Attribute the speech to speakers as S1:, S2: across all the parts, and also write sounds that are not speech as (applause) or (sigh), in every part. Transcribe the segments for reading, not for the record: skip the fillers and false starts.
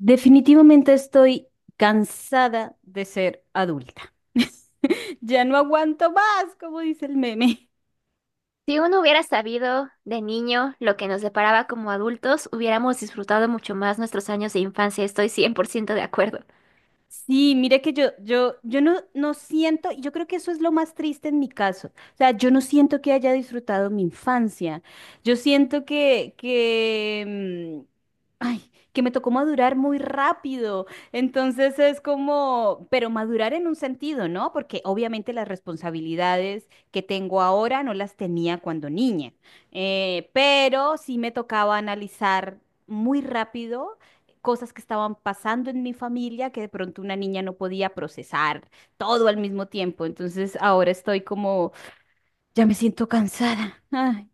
S1: Definitivamente estoy cansada de ser adulta. (laughs) Ya no aguanto más, como dice el meme.
S2: Si uno hubiera sabido de niño lo que nos deparaba como adultos, hubiéramos disfrutado mucho más nuestros años de infancia. Estoy 100% de acuerdo.
S1: Sí, mire que yo no, no siento, yo creo que eso es lo más triste en mi caso. O sea, yo no siento que haya disfrutado mi infancia. Yo siento que, ay, que me tocó madurar muy rápido. Entonces es como, pero madurar en un sentido, ¿no? Porque obviamente las responsabilidades que tengo ahora no las tenía cuando niña. Pero sí me tocaba analizar muy rápido cosas que estaban pasando en mi familia que de pronto una niña no podía procesar todo al mismo tiempo. Entonces ahora estoy como, ya me siento cansada. Ay,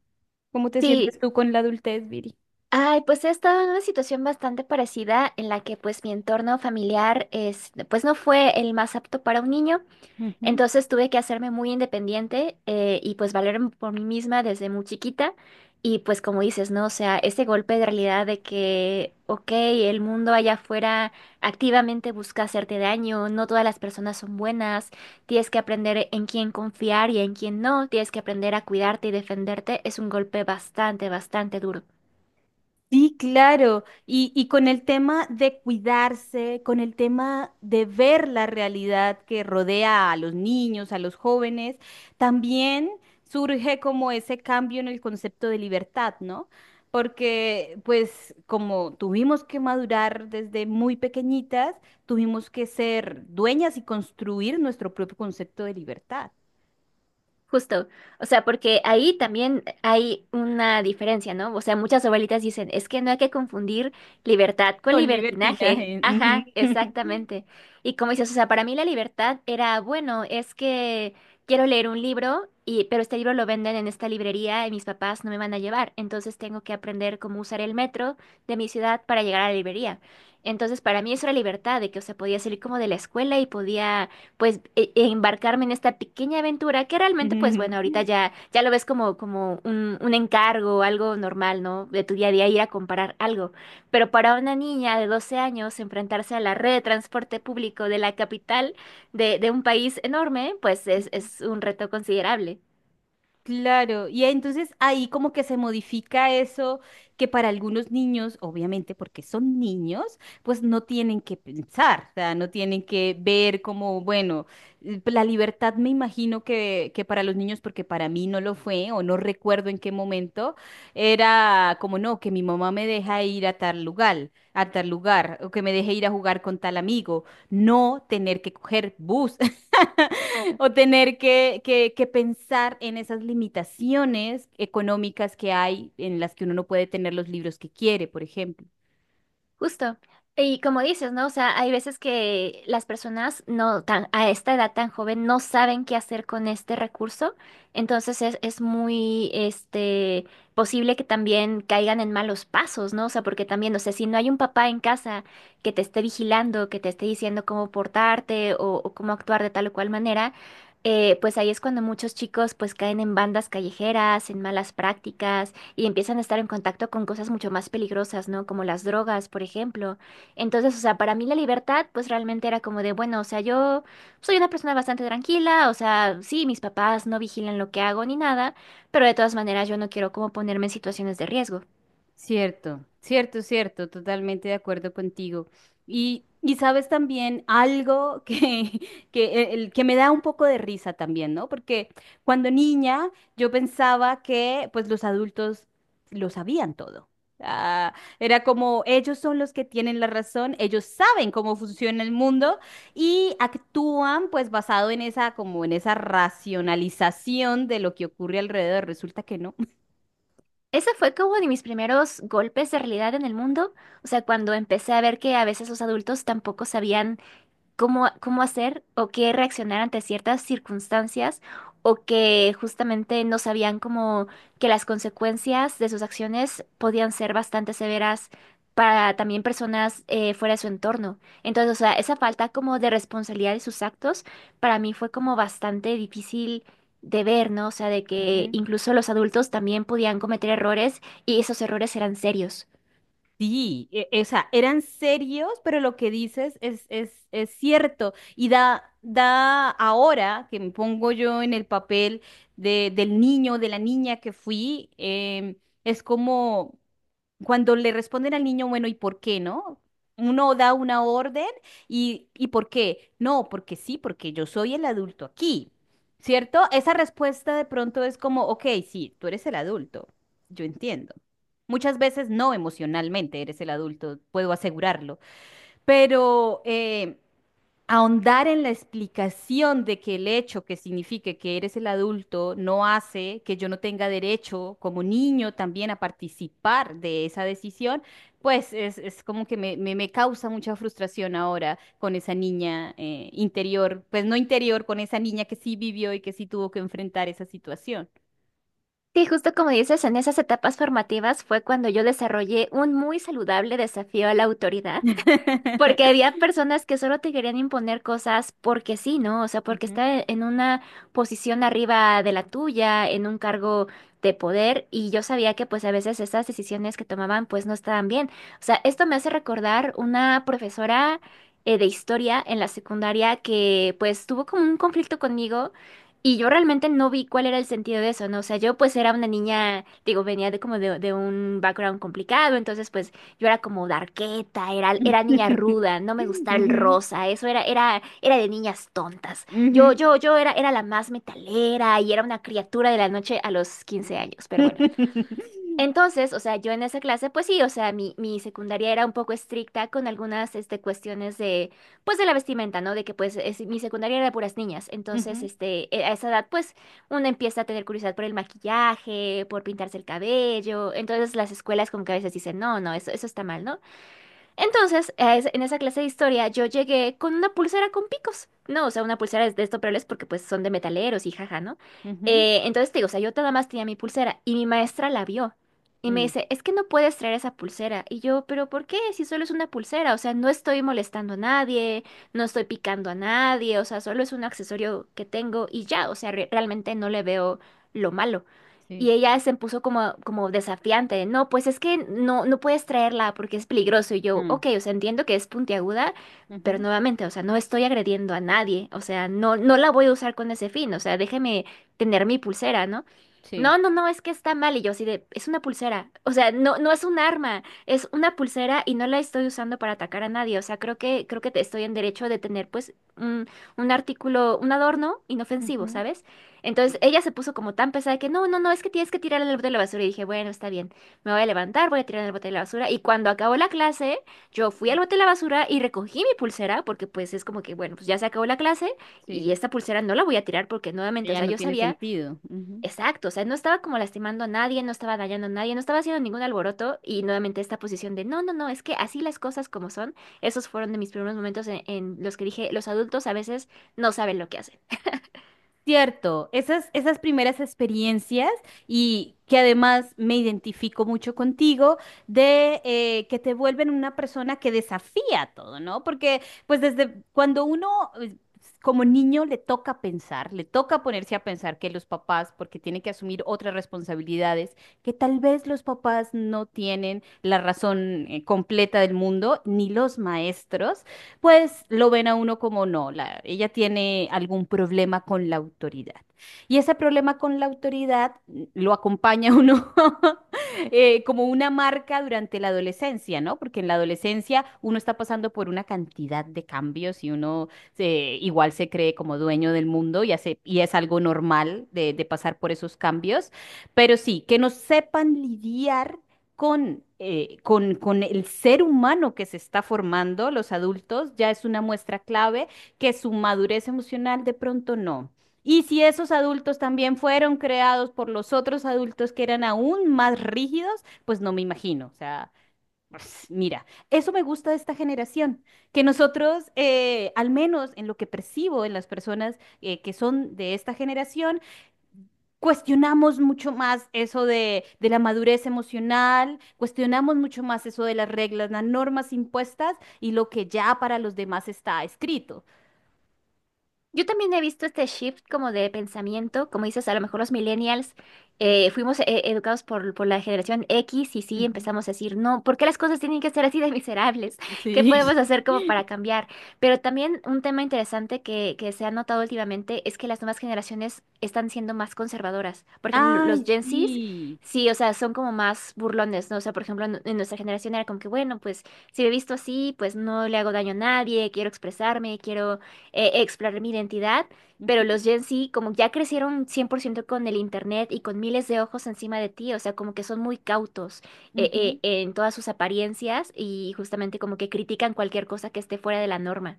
S1: ¿cómo te
S2: Sí.
S1: sientes tú con la adultez, Viri?
S2: Ay, pues he estado en una situación bastante parecida en la que pues mi entorno familiar pues no fue el más apto para un niño.
S1: Ujú.
S2: Entonces tuve que hacerme muy independiente, y pues valerme por mí misma desde muy chiquita. Y pues como dices, ¿no? O sea, ese golpe de realidad de que, ok, el mundo allá afuera activamente busca hacerte daño, no todas las personas son buenas, tienes que aprender en quién confiar y en quién no, tienes que aprender a cuidarte y defenderte, es un golpe bastante, bastante duro.
S1: Sí, claro. Y con el tema de cuidarse, con el tema de ver la realidad que rodea a los niños, a los jóvenes, también surge como ese cambio en el concepto de libertad, ¿no? Porque pues como tuvimos que madurar desde muy pequeñitas, tuvimos que ser dueñas y construir nuestro propio concepto de libertad.
S2: Justo, o sea, porque ahí también hay una diferencia, ¿no? O sea, muchas abuelitas dicen, es que no hay que confundir libertad con
S1: Con
S2: libertinaje.
S1: libertinaje.
S2: Ajá, exactamente. Y como dices, o sea, para mí la libertad era, bueno, es que quiero leer un libro y pero este libro lo venden en esta librería y mis papás no me van a llevar, entonces tengo que aprender cómo usar el metro de mi ciudad para llegar a la librería. Entonces, para mí eso era libertad, de que, o sea, podía salir como de la escuela y podía pues embarcarme en esta pequeña aventura que realmente pues
S1: Ujú.
S2: bueno, ahorita ya lo ves como un encargo, algo normal, ¿no? De tu día a día ir a comprar algo. Pero para una niña de 12 años enfrentarse a la red de transporte público de la capital de un país enorme, pues
S1: (laughs)
S2: es,
S1: Ujú.
S2: es un reto considerable.
S1: Claro, y entonces ahí como que se modifica eso que para algunos niños, obviamente porque son niños, pues no tienen que pensar, o sea, no tienen que ver como, bueno, la libertad me imagino que para los niños, porque para mí no lo fue o no recuerdo en qué momento, era como no, que mi mamá me deja ir a tal lugar, o que me deje ir a jugar con tal amigo, no tener que coger bus. (laughs) (laughs) O tener que pensar en esas limitaciones económicas que hay en las que uno no puede tener los libros que quiere, por ejemplo.
S2: Justo. Y como dices, ¿no? O sea, hay veces que las personas no tan, a esta edad tan joven no saben qué hacer con este recurso. Entonces es muy posible que también caigan en malos pasos, ¿no? O sea, porque también, o sea, si no hay un papá en casa que te esté vigilando, que te esté diciendo cómo portarte o cómo actuar de tal o cual manera, pues ahí es cuando muchos chicos pues caen en bandas callejeras, en malas prácticas y empiezan a estar en contacto con cosas mucho más peligrosas, ¿no? Como las drogas, por ejemplo. Entonces, o sea, para mí la libertad, pues realmente era como de, bueno, o sea, yo soy una persona bastante tranquila, o sea, sí, mis papás no vigilan lo que hago ni nada, pero de todas maneras yo no quiero como ponerme en situaciones de riesgo.
S1: Cierto, cierto, cierto, totalmente de acuerdo contigo. Y sabes también algo que, (laughs) que, el, que me da un poco de risa también, ¿no? Porque cuando niña yo pensaba que pues los adultos lo sabían todo. Ah, era como ellos son los que tienen la razón, ellos saben cómo funciona el mundo y actúan pues basado en esa como en esa racionalización de lo que ocurre alrededor. Resulta que no.
S2: Ese fue como de mis primeros golpes de realidad en el mundo, o sea, cuando empecé a ver que a veces los adultos tampoco sabían cómo hacer o qué reaccionar ante ciertas circunstancias o que justamente no sabían como que las consecuencias de sus acciones podían ser bastante severas para también personas, fuera de su entorno. Entonces, o sea, esa falta como de responsabilidad de sus actos para mí fue como bastante difícil de ver, ¿no? O sea, de que
S1: (laughs)
S2: incluso los adultos también podían cometer errores y esos errores eran serios.
S1: Sí, o sea, eran serios, pero lo que dices es cierto. Y da, da ahora que me pongo yo en el papel de, del niño, de la niña que fui, es como cuando le responden al niño, bueno, ¿y por qué no? Uno da una orden ¿y por qué? No, porque sí, porque yo soy el adulto aquí, ¿cierto? Esa respuesta de pronto es como, ok, sí, tú eres el adulto, yo entiendo. Muchas veces no emocionalmente eres el adulto, puedo asegurarlo, pero ahondar en la explicación de que el hecho que signifique que eres el adulto no hace que yo no tenga derecho como niño también a participar de esa decisión, pues es como que me, me causa mucha frustración ahora con esa niña interior, pues no interior, con esa niña que sí vivió y que sí tuvo que enfrentar esa situación.
S2: Sí, justo como dices, en esas etapas formativas fue cuando yo desarrollé un muy saludable desafío a la autoridad. Porque
S1: (laughs)
S2: había personas que solo te querían imponer cosas porque sí, ¿no? O sea, porque
S1: Ujú.
S2: está en una posición arriba de la tuya, en un cargo de poder, y yo sabía que pues a veces esas decisiones que tomaban pues no estaban bien. O sea, esto me hace recordar una profesora, de historia en la secundaria que pues tuvo como un conflicto conmigo. Y yo realmente no vi cuál era el sentido de eso, ¿no? O sea, yo pues era una niña, digo, venía de como de un background complicado, entonces pues yo era como darketa, era niña ruda, no me gustaba el
S1: (laughs)
S2: rosa, eso era de niñas tontas.
S1: Ujú,
S2: Yo,
S1: ujú,
S2: yo, yo era la más metalera y era una criatura de la noche a los 15 años, pero bueno.
S1: (laughs)
S2: Entonces, o sea, yo en esa clase, pues sí, o sea, mi secundaria era un poco estricta con algunas, cuestiones de, pues de la vestimenta, ¿no? De que, pues, mi secundaria era de puras niñas.
S1: ujú, ujú,
S2: Entonces, a esa edad, pues, uno empieza a tener curiosidad por el maquillaje, por pintarse el cabello. Entonces, las escuelas como que a veces dicen, no, no, eso está mal, ¿no? Entonces, en esa clase de historia yo llegué con una pulsera con picos. No, o sea, una pulsera de estos porque pues son de metaleros y jaja, ¿no? Entonces te digo, o sea, yo nada más tenía mi pulsera y mi maestra la vio y me
S1: mm,
S2: dice, es que no puedes traer esa pulsera. Y yo, pero ¿por qué? Si solo es una pulsera, o sea, no estoy molestando a nadie, no estoy picando a nadie, o sea, solo es un accesorio que tengo y ya, o sea, realmente no le veo lo malo.
S1: sí.
S2: Y ella se puso como, como desafiante, de, no, pues es que no, no puedes traerla porque es peligroso. Y yo,
S1: Mm,
S2: ok, o sea, entiendo que es puntiaguda, pero
S1: ujú,
S2: nuevamente, o sea, no estoy agrediendo a nadie, o sea, no, no la voy a usar con ese fin, o sea, déjeme tener mi pulsera, ¿no?
S1: sí.
S2: No, no, no, es que está mal. Y yo así de, es una pulsera, o sea, no, no es un arma, es una pulsera y no la estoy usando para atacar a nadie, o sea, creo que, creo que estoy en derecho de tener, pues, un artículo, un adorno inofensivo,
S1: Ujú,
S2: ¿sabes? Entonces
S1: sí.
S2: ella se puso como tan pesada que no, no, no, es que tienes que tirar el bote de la basura. Y dije, bueno, está bien, me voy a levantar, voy a tirar el bote de la basura. Y cuando acabó la clase, yo fui al bote de la basura y recogí mi pulsera, porque pues es como que, bueno, pues ya se acabó la clase y
S1: Sí,
S2: esta pulsera no la voy a tirar porque nuevamente, o
S1: ya
S2: sea,
S1: no
S2: yo
S1: tiene
S2: sabía
S1: sentido. Ujú.
S2: exacto, o sea, no estaba como lastimando a nadie, no estaba dañando a nadie, no estaba haciendo ningún alboroto. Y nuevamente esta posición de, no, no, no, es que así las cosas como son, esos fueron de mis primeros momentos en los que dije, los adultos a veces no saben lo que hacen.
S1: Cierto, esas, esas primeras experiencias y que además me identifico mucho contigo de que te vuelven una persona que desafía todo, ¿no? Porque pues desde cuando uno eh, como niño le toca pensar, le toca ponerse a pensar que los papás, porque tiene que asumir otras responsabilidades, que tal vez los papás no tienen la razón completa del mundo, ni los maestros pues lo ven a uno como no, ella tiene algún problema con la autoridad. Y ese problema con la autoridad lo acompaña a uno (laughs) como una marca durante la adolescencia, ¿no? Porque en la adolescencia uno está pasando por una cantidad de cambios y uno igual se cree como dueño del mundo y, hace, y es algo normal de pasar por esos cambios. Pero sí, que no sepan lidiar con el ser humano que se está formando, los adultos, ya es una muestra clave que su madurez emocional de pronto no. Y si esos adultos también fueron creados por los otros adultos que eran aún más rígidos, pues no me imagino. O sea, pues, mira, eso me gusta de esta generación, que nosotros, al menos en lo que percibo en las personas que son de esta generación, cuestionamos mucho más eso de la madurez emocional, cuestionamos mucho más eso de las reglas, las normas impuestas y lo que ya para los demás está escrito.
S2: Yo también he visto este shift como de pensamiento, como dices, a lo mejor los millennials,
S1: Mm.
S2: fuimos, educados por la generación X y sí
S1: Ujú.
S2: empezamos a decir, no, ¿por qué las cosas tienen que ser así de miserables? (laughs) ¿Qué
S1: Sí.
S2: podemos hacer como para
S1: (laughs)
S2: cambiar? Pero también un tema interesante que se ha notado últimamente es que las nuevas generaciones están siendo más conservadoras. Por ejemplo, los
S1: Ay,
S2: Gen Zs,
S1: sí.
S2: sí, o sea, son como más burlones, ¿no? O sea, por ejemplo, en nuestra generación era como que, bueno, pues si me he visto así, pues no le hago daño a nadie, quiero expresarme, quiero, explorar mi identidad, pero
S1: Ujú,
S2: los Gen Z como ya crecieron 100% con el internet y con miles de ojos encima de ti, o sea, como que son muy cautos,
S1: ujú.
S2: en todas sus apariencias y justamente como que critican cualquier cosa que esté fuera de la norma.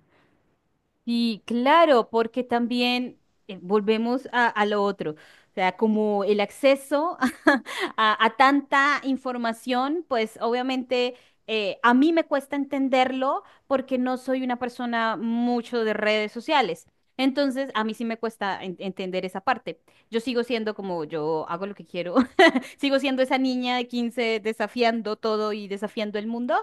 S1: Sí, claro, porque también volvemos a lo otro, o sea, como el acceso (laughs) a tanta información, pues obviamente a mí me cuesta entenderlo porque no soy una persona mucho de redes sociales. Entonces, a mí sí me cuesta entender esa parte. Yo sigo siendo como yo hago lo que quiero, (laughs) sigo siendo esa niña de 15 desafiando todo y desafiando el mundo,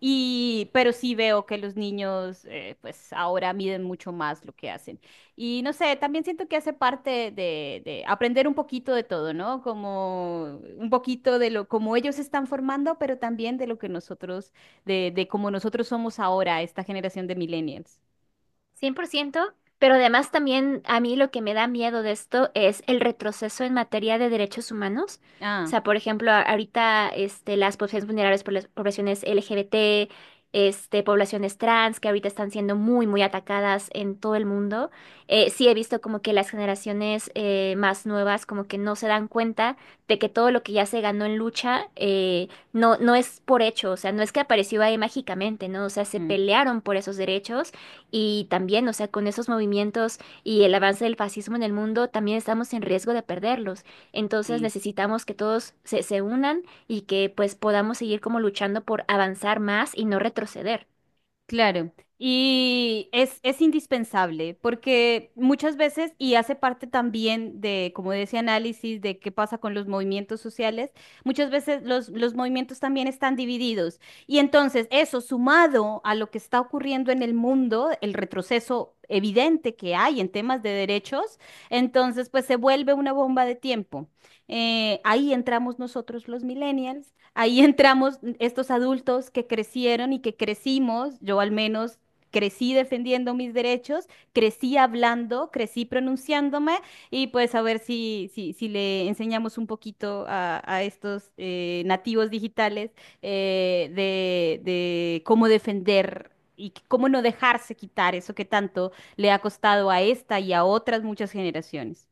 S1: y, pero sí veo que los niños, pues ahora miden mucho más lo que hacen. Y no sé, también siento que hace parte de aprender un poquito de todo, ¿no? Como un poquito de lo, como ellos se están formando, pero también de lo que nosotros, de cómo nosotros somos ahora, esta generación de millennials.
S2: 100%. Pero además también a mí lo que me da miedo de esto es el retroceso en materia de derechos humanos. O
S1: Ah,
S2: sea, por ejemplo, ahorita, las poblaciones vulnerables por las poblaciones LGBT, poblaciones trans, que ahorita están siendo muy, muy atacadas en todo el mundo. Sí he visto como que las generaciones, más nuevas como que no se dan cuenta de que todo lo que ya se ganó en lucha, no, no es por hecho, o sea, no es que apareció ahí mágicamente, ¿no? O sea, se
S1: mm,
S2: pelearon por esos derechos y también, o sea, con esos movimientos y el avance del fascismo en el mundo, también estamos en riesgo de perderlos. Entonces
S1: sí.
S2: necesitamos que todos se unan y que pues podamos seguir como luchando por avanzar más y no retroceder.
S1: Claro, y es indispensable porque muchas veces, y hace parte también de, como de ese análisis de qué pasa con los movimientos sociales, muchas veces los movimientos también están divididos. Y entonces eso, sumado a lo que está ocurriendo en el mundo, el retroceso evidente que hay en temas de derechos, entonces pues se vuelve una bomba de tiempo. Ahí entramos nosotros los millennials. Ahí entramos estos adultos que crecieron y que crecimos, yo al menos crecí defendiendo mis derechos, crecí hablando, crecí pronunciándome y pues a ver si, si, si le enseñamos un poquito a estos nativos digitales de cómo defender. Y cómo no dejarse quitar eso que tanto le ha costado a esta y a otras muchas generaciones.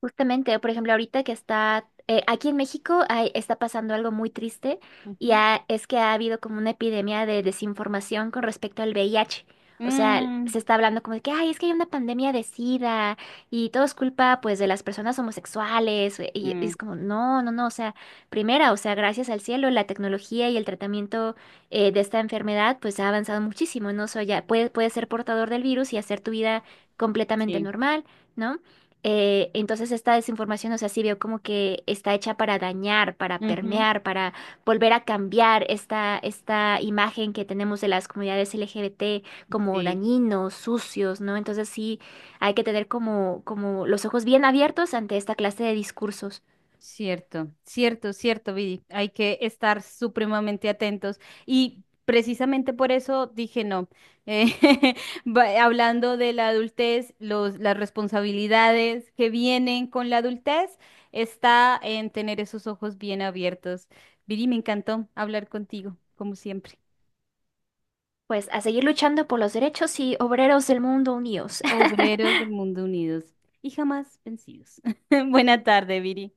S2: Justamente, por ejemplo, ahorita que está, aquí en México está pasando algo muy triste y
S1: Ujú.
S2: es que ha habido como una epidemia de desinformación con respecto al VIH. O sea,
S1: Mm,
S2: se está hablando como de que, ay, es que hay una pandemia de SIDA y todo es culpa pues de las personas homosexuales, y
S1: mm,
S2: es como, no, no, no, o sea, primera, o sea, gracias al cielo, la tecnología y el tratamiento, de esta enfermedad pues ha avanzado muchísimo, ¿no? O sea, ya puedes, puedes ser portador del virus y hacer tu vida completamente
S1: sí.
S2: normal. ¿No? Entonces esta desinformación, o sea, sí veo como que está hecha para dañar, para
S1: Ujú,
S2: permear, para volver a cambiar esta imagen que tenemos de las comunidades LGBT como
S1: sí.
S2: dañinos, sucios, ¿no? Entonces sí hay que tener como, los ojos bien abiertos ante esta clase de discursos.
S1: Cierto, cierto, cierto, Vidi. Hay que estar supremamente atentos. Y precisamente por eso dije no. Eh, (laughs) hablando de la adultez, los, las responsabilidades que vienen con la adultez, está en tener esos ojos bien abiertos. Vidi, me encantó hablar contigo, como siempre.
S2: Pues a seguir luchando por los derechos y obreros del mundo unidos. (laughs)
S1: Obreros del mundo unidos y jamás vencidos. (laughs) Buena tarde, Viri.